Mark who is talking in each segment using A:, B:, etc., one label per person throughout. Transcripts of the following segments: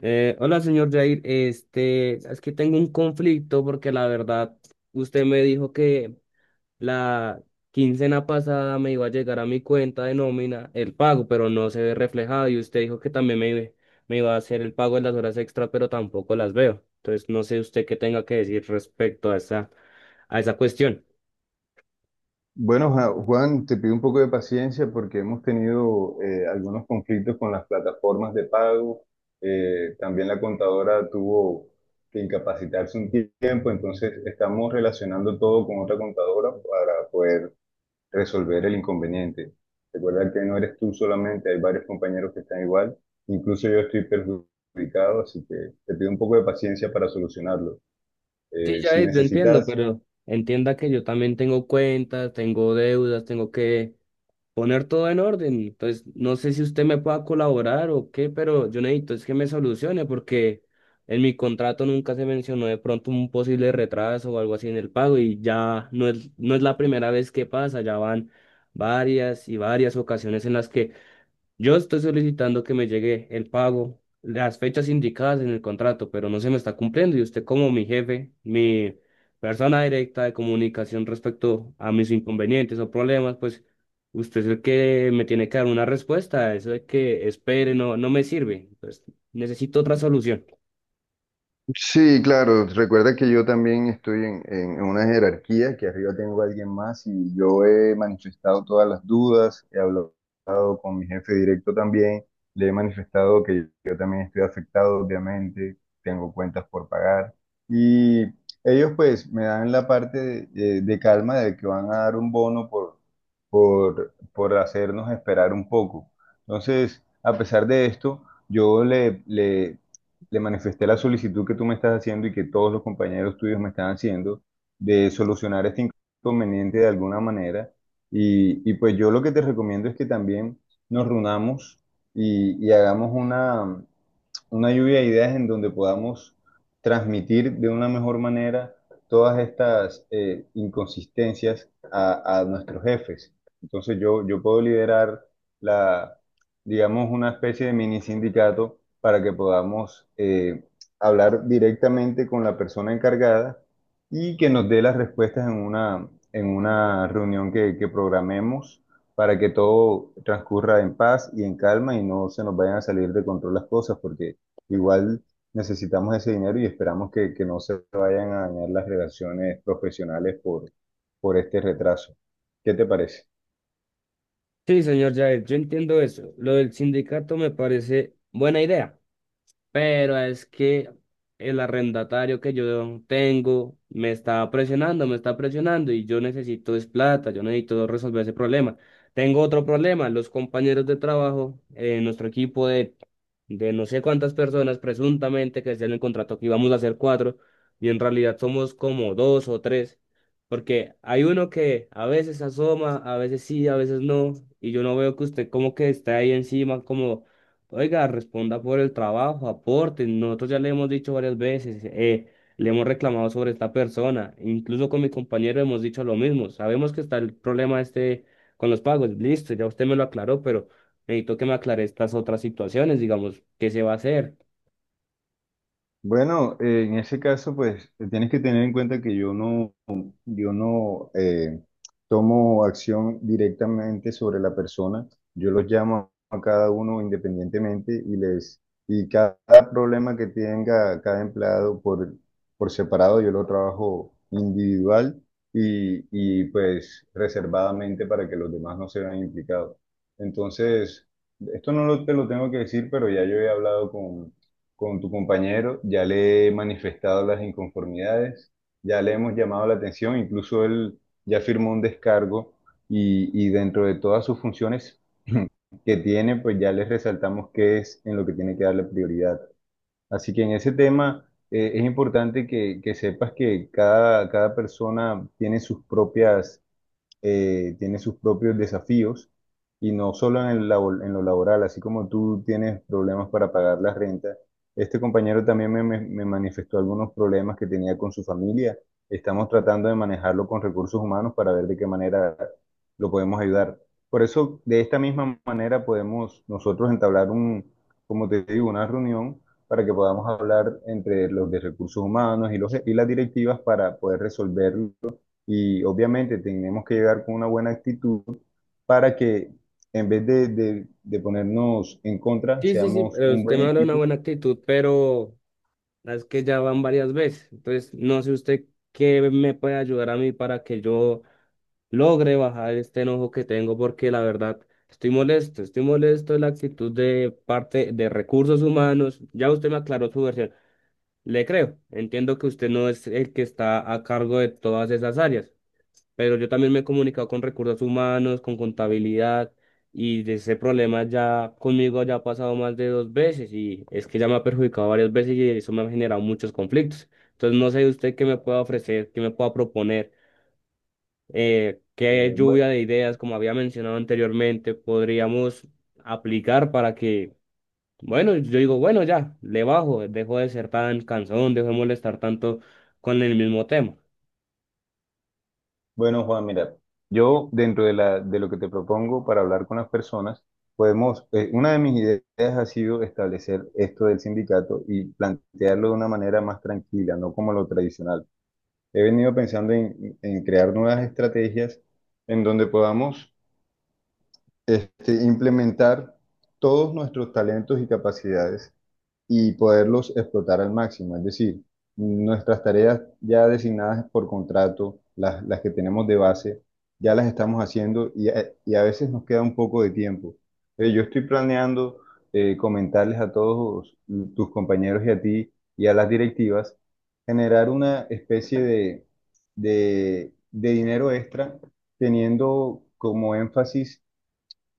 A: Hola, señor Jair. Este, es que tengo un conflicto porque la verdad, usted me dijo que la quincena pasada me iba a llegar a mi cuenta de nómina el pago, pero no se ve reflejado. Y usted dijo que también me iba a hacer el pago de las horas extra, pero tampoco las veo. Entonces, no sé usted qué tenga que decir respecto a esa cuestión.
B: Bueno, Juan, te pido un poco de paciencia porque hemos tenido algunos conflictos con las plataformas de pago. También la contadora tuvo que incapacitarse un tiempo, entonces estamos relacionando todo con otra contadora para poder resolver el inconveniente. Recuerda que no eres tú solamente, hay varios compañeros que están igual. Incluso yo estoy perjudicado, así que te pido un poco de paciencia para solucionarlo.
A: Sí,
B: Si
A: Jair, yo entiendo,
B: necesitas.
A: pero entienda que yo también tengo cuentas, tengo deudas, tengo que poner todo en orden. Entonces, no sé si usted me pueda colaborar o qué, pero yo necesito es que me solucione porque en mi contrato nunca se mencionó de pronto un posible retraso o algo así en el pago y ya no es la primera vez que pasa, ya van varias y varias ocasiones en las que yo estoy solicitando que me llegue el pago, las fechas indicadas en el contrato, pero no se me está cumpliendo y usted como mi jefe, mi persona directa de comunicación respecto a mis inconvenientes o problemas, pues usted es el que me tiene que dar una respuesta, eso de que espere no me sirve, pues necesito otra solución.
B: Sí, claro. Recuerda que yo también estoy en una jerarquía, que arriba tengo a alguien más, y yo he manifestado todas las dudas, he hablado con mi jefe directo también, le he manifestado que yo también estoy afectado, obviamente, tengo cuentas por pagar, y ellos pues me dan la parte de calma, de que van a dar un bono por hacernos esperar un poco. Entonces, a pesar de esto, yo le manifesté la solicitud que tú me estás haciendo y que todos los compañeros tuyos me están haciendo, de solucionar este inconveniente de alguna manera. Y pues yo lo que te recomiendo es que también nos reunamos y hagamos una lluvia de ideas en donde podamos transmitir de una mejor manera todas estas inconsistencias a nuestros jefes. Entonces yo puedo liderar la, digamos, una especie de mini sindicato para que podamos hablar directamente con la persona encargada y que nos dé las respuestas en en una reunión que programemos para que todo transcurra en paz y en calma y no se nos vayan a salir de control las cosas, porque igual necesitamos ese dinero y esperamos que no se vayan a dañar las relaciones profesionales por este retraso. ¿Qué te parece?
A: Sí, señor Jair, yo entiendo eso. Lo del sindicato me parece buena idea. Pero es que el arrendatario que yo tengo me está presionando y yo necesito es plata, yo necesito resolver ese problema. Tengo otro problema, los compañeros de trabajo, nuestro equipo de no sé cuántas personas, presuntamente que decían en el contrato que íbamos a ser cuatro y en realidad somos como dos o tres, porque hay uno que a veces asoma, a veces sí, a veces no, y yo no veo que usted como que está ahí encima, como oiga, responda por el trabajo, aporte. Nosotros ya le hemos dicho varias veces, le hemos reclamado sobre esta persona. Incluso con mi compañero hemos dicho lo mismo. Sabemos que está el problema este con los pagos. Listo, ya usted me lo aclaró, pero necesito que me aclare estas otras situaciones, digamos, ¿qué se va a hacer?
B: Bueno, en ese caso, pues tienes que tener en cuenta que yo no tomo acción directamente sobre la persona. Yo los llamo a cada uno independientemente y les y cada problema que tenga cada empleado por separado, yo lo trabajo individual y pues reservadamente, para que los demás no se vean implicados. Entonces, esto no lo, te lo tengo que decir, pero ya yo he hablado con tu compañero, ya le he manifestado las inconformidades, ya le hemos llamado la atención, incluso él ya firmó un descargo y dentro de todas sus funciones que tiene, pues ya les resaltamos qué es en lo que tiene que darle prioridad. Así que en ese tema, es importante que sepas que cada persona tiene sus propias tiene sus propios desafíos, y no solo en el en lo laboral, así como tú tienes problemas para pagar las rentas, este compañero también me manifestó algunos problemas que tenía con su familia. Estamos tratando de manejarlo con recursos humanos para ver de qué manera lo podemos ayudar. Por eso, de esta misma manera podemos nosotros entablar un, como te digo, una reunión para que podamos hablar entre los de recursos humanos y y las directivas para poder resolver, y obviamente tenemos que llegar con una buena actitud para que en vez de ponernos en contra,
A: Sí, sí, sí,
B: seamos
A: pero
B: un
A: usted
B: buen
A: me habla de una
B: equipo.
A: buena actitud, pero es que ya van varias veces. Entonces, no sé usted qué me puede ayudar a mí para que yo logre bajar este enojo que tengo porque la verdad estoy molesto de la actitud de parte de recursos humanos. Ya usted me aclaró su versión. Le creo, entiendo que usted no es el que está a cargo de todas esas áreas, pero yo también me he comunicado con recursos humanos, con contabilidad y de ese problema ya conmigo ya ha pasado más de dos veces y es que ya me ha perjudicado varias veces y eso me ha generado muchos conflictos. Entonces no sé usted qué me pueda ofrecer, qué me pueda proponer qué
B: Eh, bueno,
A: lluvia de ideas, como había mencionado anteriormente, podríamos aplicar para que, bueno, yo digo, bueno, ya, le bajo, dejo de ser tan cansón, dejo de molestar tanto con el mismo tema.
B: bueno, Juan, mira, yo dentro de la, de lo que te propongo para hablar con las personas, podemos, una de mis ideas ha sido establecer esto del sindicato y plantearlo de una manera más tranquila, no como lo tradicional. He venido pensando en crear nuevas estrategias en donde podamos, este, implementar todos nuestros talentos y capacidades y poderlos explotar al máximo. Es decir, nuestras tareas ya designadas por contrato, las que tenemos de base, ya las estamos haciendo, y y a veces nos queda un poco de tiempo. Yo estoy planeando comentarles a todos tus compañeros y a ti y a las directivas, generar una especie de dinero extra, teniendo como énfasis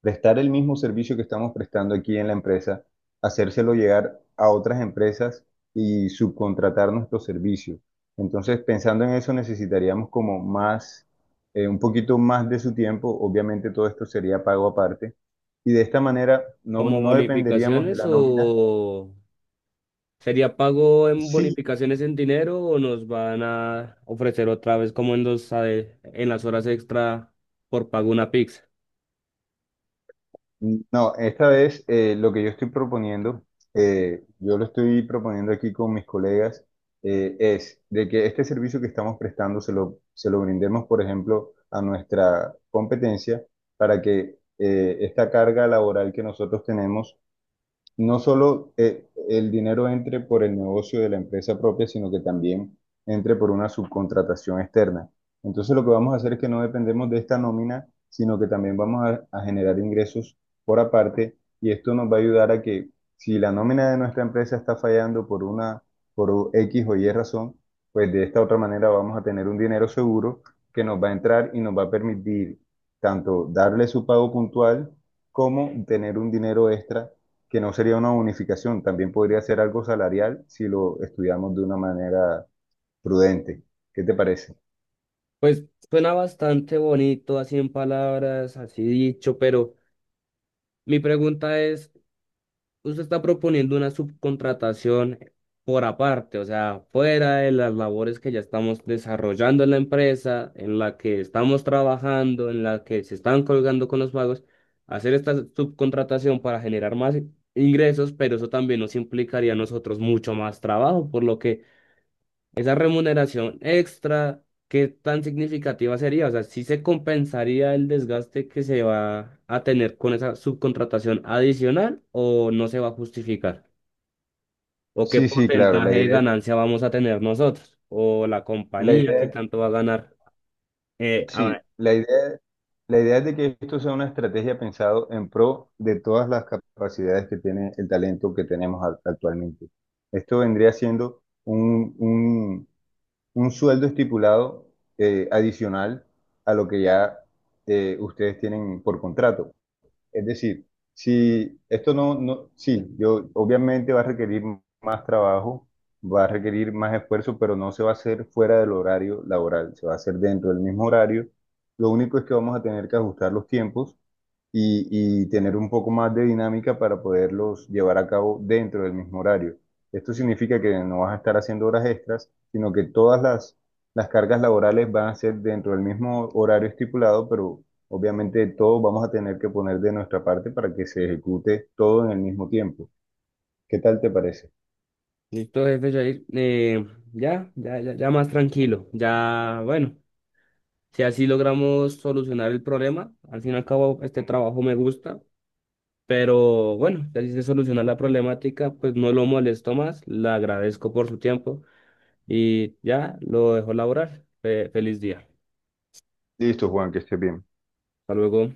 B: prestar el mismo servicio que estamos prestando aquí en la empresa, hacérselo llegar a otras empresas y subcontratar nuestro servicio. Entonces, pensando en eso, necesitaríamos como más, un poquito más de su tiempo. Obviamente todo esto sería pago aparte. Y de esta manera
A: ¿Como
B: no dependeríamos de
A: bonificaciones
B: la nómina.
A: o sería pago en
B: Sí.
A: bonificaciones en dinero o nos van a ofrecer otra vez como en en las horas extra por pago una pizza?
B: Mm, no, esta vez, lo que yo estoy proponiendo, yo lo estoy proponiendo aquí con mis colegas, es de que este servicio que estamos prestando se lo brindemos, por ejemplo, a nuestra competencia, para que esta carga laboral que nosotros tenemos, no solo el dinero entre por el negocio de la empresa propia, sino que también entre por una subcontratación externa. Entonces lo que vamos a hacer es que no dependemos de esta nómina, sino que también a generar ingresos por aparte, y esto nos va a ayudar a que si la nómina de nuestra empresa está fallando por X o Y razón, pues de esta otra manera vamos a tener un dinero seguro que nos va a entrar y nos va a permitir tanto darle su pago puntual como tener un dinero extra, que no sería una unificación, también podría ser algo salarial si lo estudiamos de una manera prudente. ¿Qué te parece?
A: Pues suena bastante bonito así en palabras, así dicho, pero mi pregunta es. Usted está proponiendo una subcontratación por aparte, o sea, fuera de las labores que ya estamos desarrollando en la empresa, en la que estamos trabajando, en la que se están colgando con los pagos, hacer esta subcontratación para generar más ingresos, pero eso también nos implicaría a nosotros mucho más trabajo, por lo que esa remuneración extra, ¿qué tan significativa sería? O sea, ¿si se compensaría el desgaste que se va a tener con esa subcontratación adicional o no se va a justificar? ¿O qué
B: Sí, sí, claro,
A: porcentaje de ganancia vamos a tener nosotros? ¿O la
B: la
A: compañía
B: idea,
A: qué
B: es-
A: tanto va a ganar?
B: sí,
A: Ahora,
B: la idea es de que esto sea una estrategia pensado en pro de todas las capacidades que tiene el talento que tenemos actualmente. Esto vendría siendo un sueldo estipulado, adicional a lo que ya, ustedes tienen por contrato. Es decir, si esto no, no, sí, yo obviamente va a requerir más trabajo, va a requerir más esfuerzo, pero no se va a hacer fuera del horario laboral, se va a hacer dentro del mismo horario. Lo único es que vamos a tener que ajustar los tiempos y tener un poco más de dinámica para poderlos llevar a cabo dentro del mismo horario. Esto significa que no vas a estar haciendo horas extras, sino que todas las cargas laborales van a ser dentro del mismo horario estipulado, pero obviamente todos vamos a tener que poner de nuestra parte para que se ejecute todo en el mismo tiempo. ¿Qué tal te parece?
A: listo, jefe Jair. Ya, ya, ya, ya más tranquilo. Ya, bueno, si así logramos solucionar el problema, al fin y al cabo este trabajo me gusta. Pero bueno, así se soluciona la problemática, pues no lo molesto más, le agradezco por su tiempo y ya lo dejo laborar. Feliz día.
B: Listo, Juan, que estés bien.
A: Hasta luego.